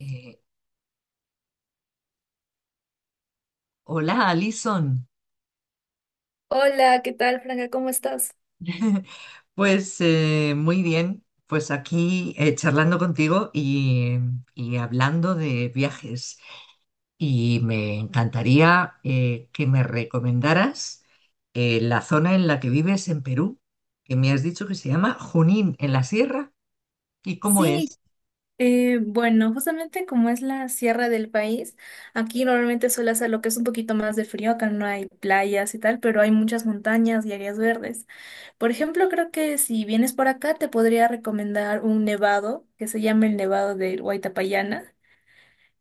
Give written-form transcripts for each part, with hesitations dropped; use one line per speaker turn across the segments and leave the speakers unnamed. Eh, hola, Alison.
Hola, ¿qué tal, Franca? ¿Cómo estás?
Pues muy bien, pues aquí charlando contigo y hablando de viajes. Y me encantaría que me recomendaras la zona en la que vives en Perú, que me has dicho que se llama Junín, en la sierra. ¿Y cómo
Sí,
es?
bueno, justamente como es la sierra del país, aquí normalmente suele hacer lo que es un poquito más de frío, acá no hay playas y tal, pero hay muchas montañas y áreas verdes. Por ejemplo, creo que si vienes por acá te podría recomendar un nevado que se llama el Nevado del Huaytapallana.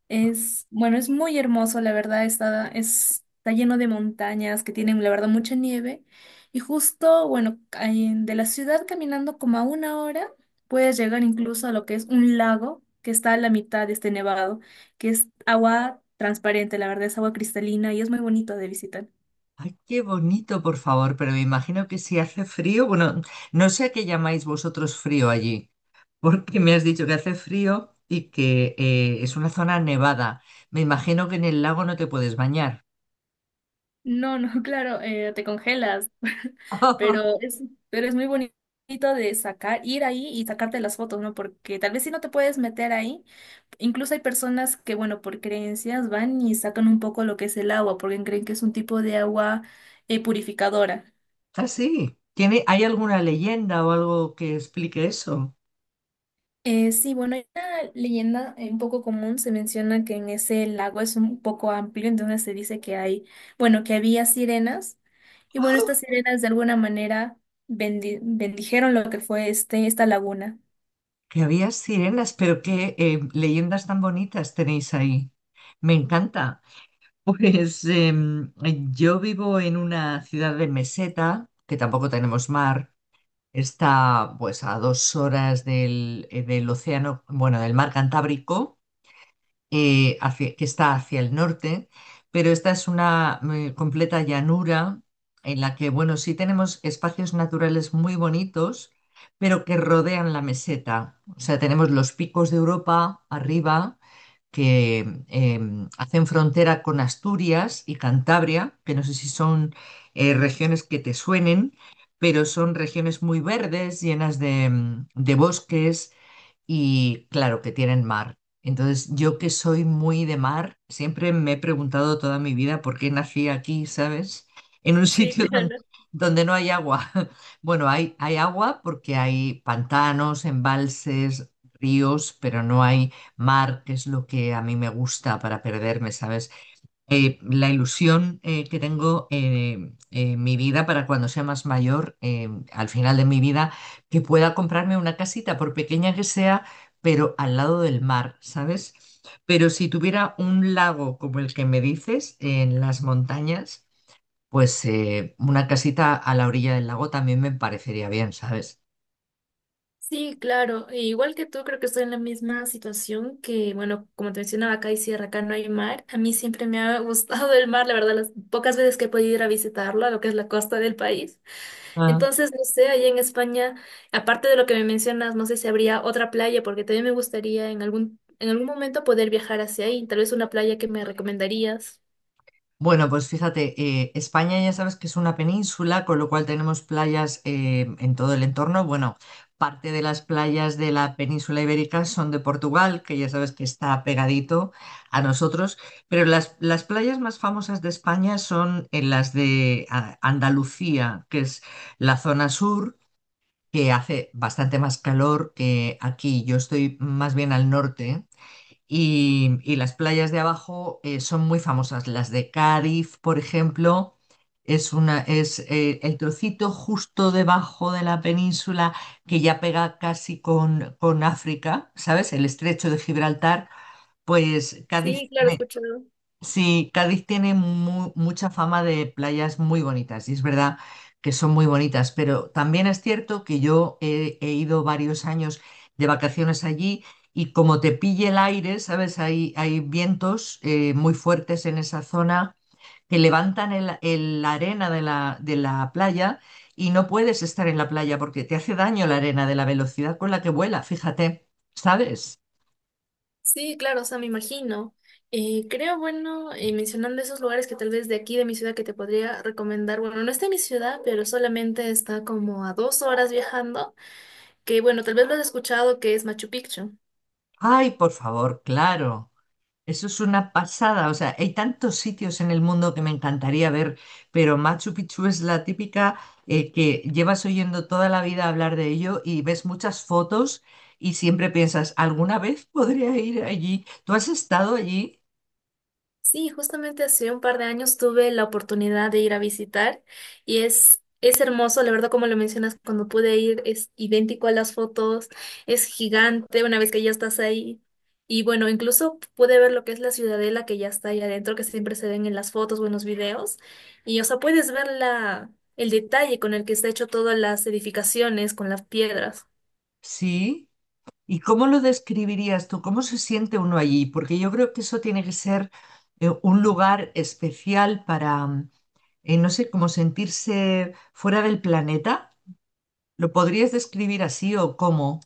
Es, bueno, es muy hermoso, la verdad, está lleno de montañas que tienen, la verdad, mucha nieve. Y justo, bueno, de la ciudad caminando como a una hora, puedes llegar incluso a lo que es un lago que está a la mitad de este nevado, que es agua transparente, la verdad, es agua cristalina y es muy bonito de visitar.
Ay, qué bonito, por favor, pero me imagino que si hace frío, bueno, no sé a qué llamáis vosotros frío allí. Porque me has dicho que hace frío y que es una zona nevada. Me imagino que en el lago no te puedes bañar.
No, no, claro, te congelas, pero es, pero es muy bonito de sacar, ir ahí y sacarte las fotos, ¿no? Porque tal vez si no te puedes meter ahí, incluso hay personas que, bueno, por creencias van y sacan un poco lo que es el agua, porque creen que es un tipo de agua purificadora.
Ah, sí. ¿Tiene, hay alguna leyenda o algo que explique eso?
Sí, bueno, hay una leyenda un poco común, se menciona que en ese lago es un poco amplio, entonces se dice que hay, bueno, que había sirenas y bueno, estas sirenas de alguna manera bendijeron lo que fue esta laguna.
Que había sirenas, pero qué leyendas tan bonitas tenéis ahí. Me encanta. Pues em, yo vivo en una ciudad de meseta, que tampoco tenemos mar. Está pues a dos horas del océano, bueno, del mar Cantábrico. Que está hacia el norte, pero esta es una completa llanura en la que, bueno, sí tenemos espacios naturales muy bonitos, pero que rodean la meseta. O sea, tenemos los picos de Europa arriba que hacen frontera con Asturias y Cantabria, que no sé si son regiones que te suenen, pero son regiones muy verdes, llenas de bosques y claro, que tienen mar. Entonces, yo que soy muy de mar, siempre me he preguntado toda mi vida por qué nací aquí, ¿sabes? En un
Sí,
sitio sí, donde,
claro.
donde no hay agua. Bueno, hay agua porque hay pantanos, embalses, ríos, pero no hay mar, que es lo que a mí me gusta para perderme, ¿sabes? La ilusión que tengo en mi vida para cuando sea más mayor, al final de mi vida, que pueda comprarme una casita, por pequeña que sea, pero al lado del mar, ¿sabes? Pero si tuviera un lago como el que me dices, en las montañas, pues una casita a la orilla del lago también me parecería bien, ¿sabes?
Sí, claro. E igual que tú, creo que estoy en la misma situación que, bueno, como te mencionaba, acá hay sierra, acá no hay mar. A mí siempre me ha gustado el mar, la verdad, las pocas veces que he podido ir a visitarlo, a lo que es la costa del país. Entonces, no sé, allá en España, aparte de lo que me mencionas, no sé si habría otra playa, porque también me gustaría en en algún momento poder viajar hacia ahí. Tal vez una playa que me recomendarías.
Bueno, pues fíjate, España ya sabes que es una península, con lo cual tenemos playas en todo el entorno. Bueno, parte de las playas de la península ibérica son de Portugal, que ya sabes que está pegadito a nosotros, pero las playas más famosas de España son en las de Andalucía, que es la zona sur, que hace bastante más calor que aquí. Yo estoy más bien al norte. Y las playas de abajo son muy famosas. Las de Cádiz, por ejemplo, es el trocito justo debajo de la península que ya pega casi con África, ¿sabes? El estrecho de Gibraltar, pues Cádiz.
Sí, claro, he escuchado.
Sí, Cádiz tiene mucha fama de playas muy bonitas y es verdad que son muy bonitas, pero también es cierto que yo he ido varios años de vacaciones allí y como te pille el aire, ¿sabes? Hay vientos muy fuertes en esa zona que levantan la arena de de la playa y no puedes estar en la playa porque te hace daño la arena de la velocidad con la que vuela, fíjate, ¿sabes?
Sí, claro, o sea, me imagino. Creo, bueno, mencionando esos lugares que tal vez de aquí, de mi ciudad, que te podría recomendar, bueno, no está en mi ciudad, pero solamente está como a dos horas viajando, que bueno, tal vez lo has escuchado que es Machu Picchu.
Ay, por favor, claro. Eso es una pasada, o sea, hay tantos sitios en el mundo que me encantaría ver, pero Machu Picchu es la típica que llevas oyendo toda la vida hablar de ello y ves muchas fotos y siempre piensas, ¿alguna vez podría ir allí? ¿Tú has estado allí?
Sí, justamente hace un par de años tuve la oportunidad de ir a visitar y es hermoso, la verdad, como lo mencionas, cuando pude ir es idéntico a las fotos, es gigante una vez que ya estás ahí. Y bueno, incluso pude ver lo que es la ciudadela que ya está ahí adentro, que siempre se ven en las fotos o en los videos. Y o sea, puedes ver la, el detalle con el que está hecho todas las edificaciones, con las piedras.
Sí. ¿Y cómo lo describirías tú? ¿Cómo se siente uno allí? Porque yo creo que eso tiene que ser un lugar especial para, no sé, como sentirse fuera del planeta. ¿Lo podrías describir así o cómo?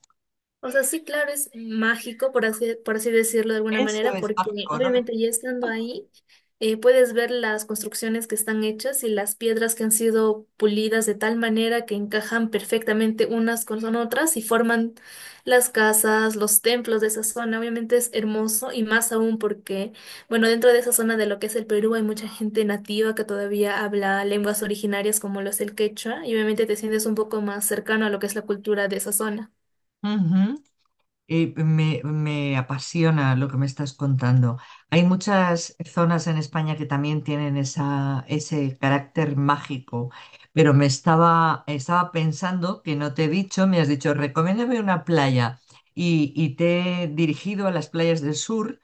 O sea, sí, claro, es mágico, por así decirlo de alguna
Eso
manera,
es
porque
mágico, ¿no? Me,
obviamente ya estando ahí, puedes ver las construcciones que están hechas y las piedras que han sido pulidas de tal manera que encajan perfectamente unas con otras y forman las casas, los templos de esa zona. Obviamente es hermoso y más aún porque, bueno, dentro de esa zona de lo que es el Perú hay mucha gente nativa que todavía habla lenguas originarias como lo es el quechua y obviamente te sientes un poco más cercano a lo que es la cultura de esa zona.
ujú. Me apasiona lo que me estás contando. Hay muchas zonas en España que también tienen ese carácter mágico, pero estaba pensando que no te he dicho, me has dicho, recomiéndame una playa y te he dirigido a las playas del sur.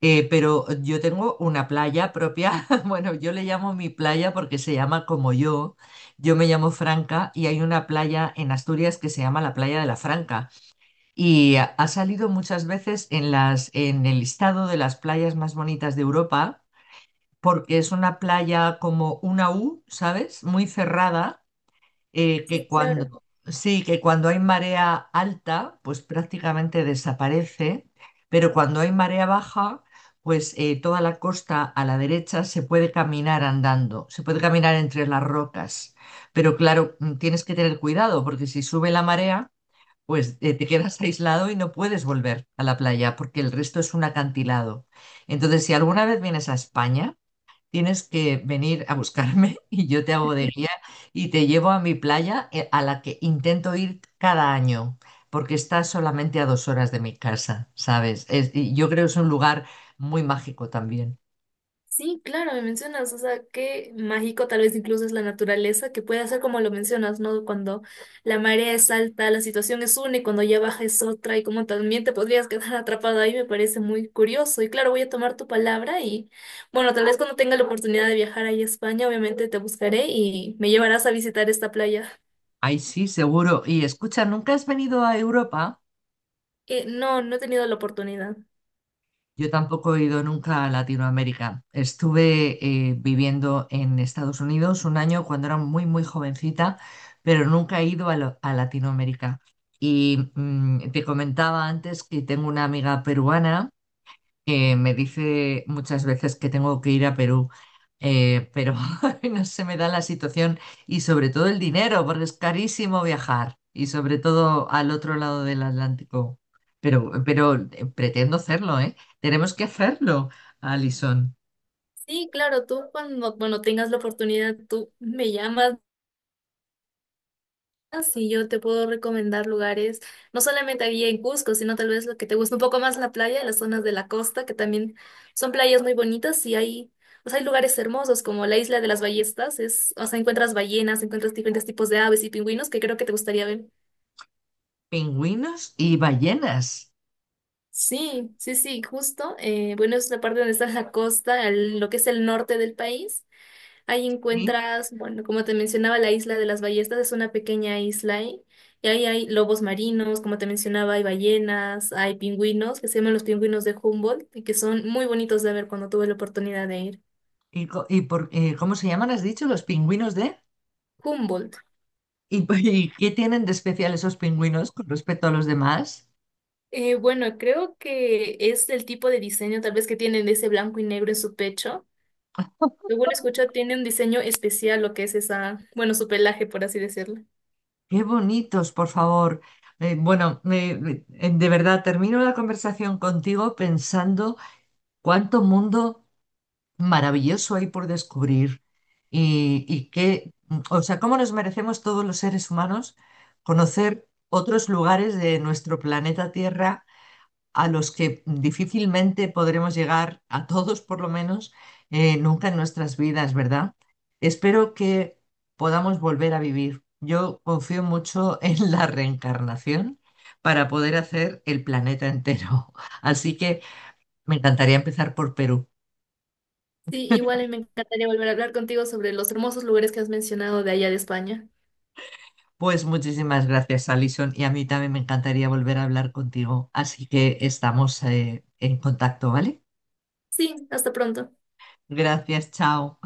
Pero yo tengo una playa propia, bueno, yo le llamo mi playa porque se llama como yo me llamo Franca y hay una playa en Asturias que se llama la Playa de la Franca y ha salido muchas veces en en el listado de las playas más bonitas de Europa porque es una playa como una U, ¿sabes? Muy cerrada que Sí.
Sí, claro.
Sí, que cuando hay marea alta, pues prácticamente desaparece, pero cuando hay marea baja, pues toda la costa a la derecha se puede caminar andando, se puede caminar entre las rocas, pero claro, tienes que tener cuidado porque si sube la marea, pues te quedas aislado y no puedes volver a la playa porque el resto es un acantilado. Entonces, si alguna vez vienes a España, tienes que venir a buscarme y yo te hago de guía y te llevo a mi playa a la que intento ir cada año, porque está solamente a dos horas de mi casa, ¿sabes? Y yo creo que es un lugar muy mágico también.
Sí, claro, me mencionas, o sea, qué mágico tal vez incluso es la naturaleza, que puede hacer como lo mencionas, ¿no? Cuando la marea es alta, la situación es una y cuando ya baja es otra y como también te podrías quedar atrapado ahí, me parece muy curioso. Y claro, voy a tomar tu palabra y bueno, tal vez cuando tenga la oportunidad de viajar ahí a España, obviamente te buscaré y me llevarás a visitar esta playa.
Ay, sí, seguro. Y escucha, ¿nunca has venido a Europa?
No, no he tenido la oportunidad.
Yo tampoco he ido nunca a Latinoamérica. Estuve viviendo en Estados Unidos un año cuando era muy, muy jovencita, pero nunca he ido a, a Latinoamérica. Y te comentaba antes que tengo una amiga peruana que me dice muchas veces que tengo que ir a Perú, pero no se me da la situación y sobre todo el dinero, porque es carísimo viajar y sobre todo al otro lado del Atlántico. Pero pretendo hacerlo, ¿eh? Tenemos que hacerlo, Alison.
Sí, claro, tú cuando, bueno, tengas la oportunidad, tú me llamas. Ah, sí, yo te puedo recomendar lugares, no solamente aquí en Cusco, sino tal vez lo que te gusta un poco más la playa, las zonas de la costa, que también son playas muy bonitas y hay, o sea, hay lugares hermosos como la isla de las ballestas, es, o sea, encuentras ballenas, encuentras diferentes tipos de aves y pingüinos que creo que te gustaría ver.
Pingüinos y ballenas.
Sí, sí, sí, justo. Bueno, es la parte donde está la costa, lo que es el norte del país. Ahí
¿Sí?
encuentras, bueno, como te mencionaba, la isla de las ballestas es una pequeña isla y ahí hay lobos marinos, como te mencionaba, hay ballenas, hay pingüinos, que se llaman los pingüinos de Humboldt y que son muy bonitos de ver cuando tuve la oportunidad de ir.
¿ Cómo se llaman, has dicho, ¿los pingüinos de?
Humboldt.
¿Y, y qué tienen de especial esos pingüinos con respecto a los demás?
Bueno, creo que es el tipo de diseño tal vez que tienen ese blanco y negro en su pecho. Según escucho, tiene un diseño especial lo que es esa, bueno, su pelaje, por así decirlo.
Qué bonitos, por favor. Eh, bueno, me- de verdad, termino la conversación contigo pensando cuánto mundo maravilloso hay por descubrir y qué, o sea, cómo nos merecemos todos los seres humanos conocer otros lugares de nuestro planeta Tierra a los que difícilmente podremos llegar, a todos por lo menos, nunca en nuestras vidas, ¿verdad? Espero que podamos volver a vivir. Yo confío mucho en la reencarnación para poder hacer el planeta entero. Así que me encantaría empezar por Perú.
Sí, igual y me encantaría volver a hablar contigo sobre los hermosos lugares que has mencionado de allá de España.
Pues muchísimas gracias, Alison, y a mí también me encantaría volver a hablar contigo. Así que estamos en contacto, ¿vale?
Sí, hasta pronto.
Gracias, chao.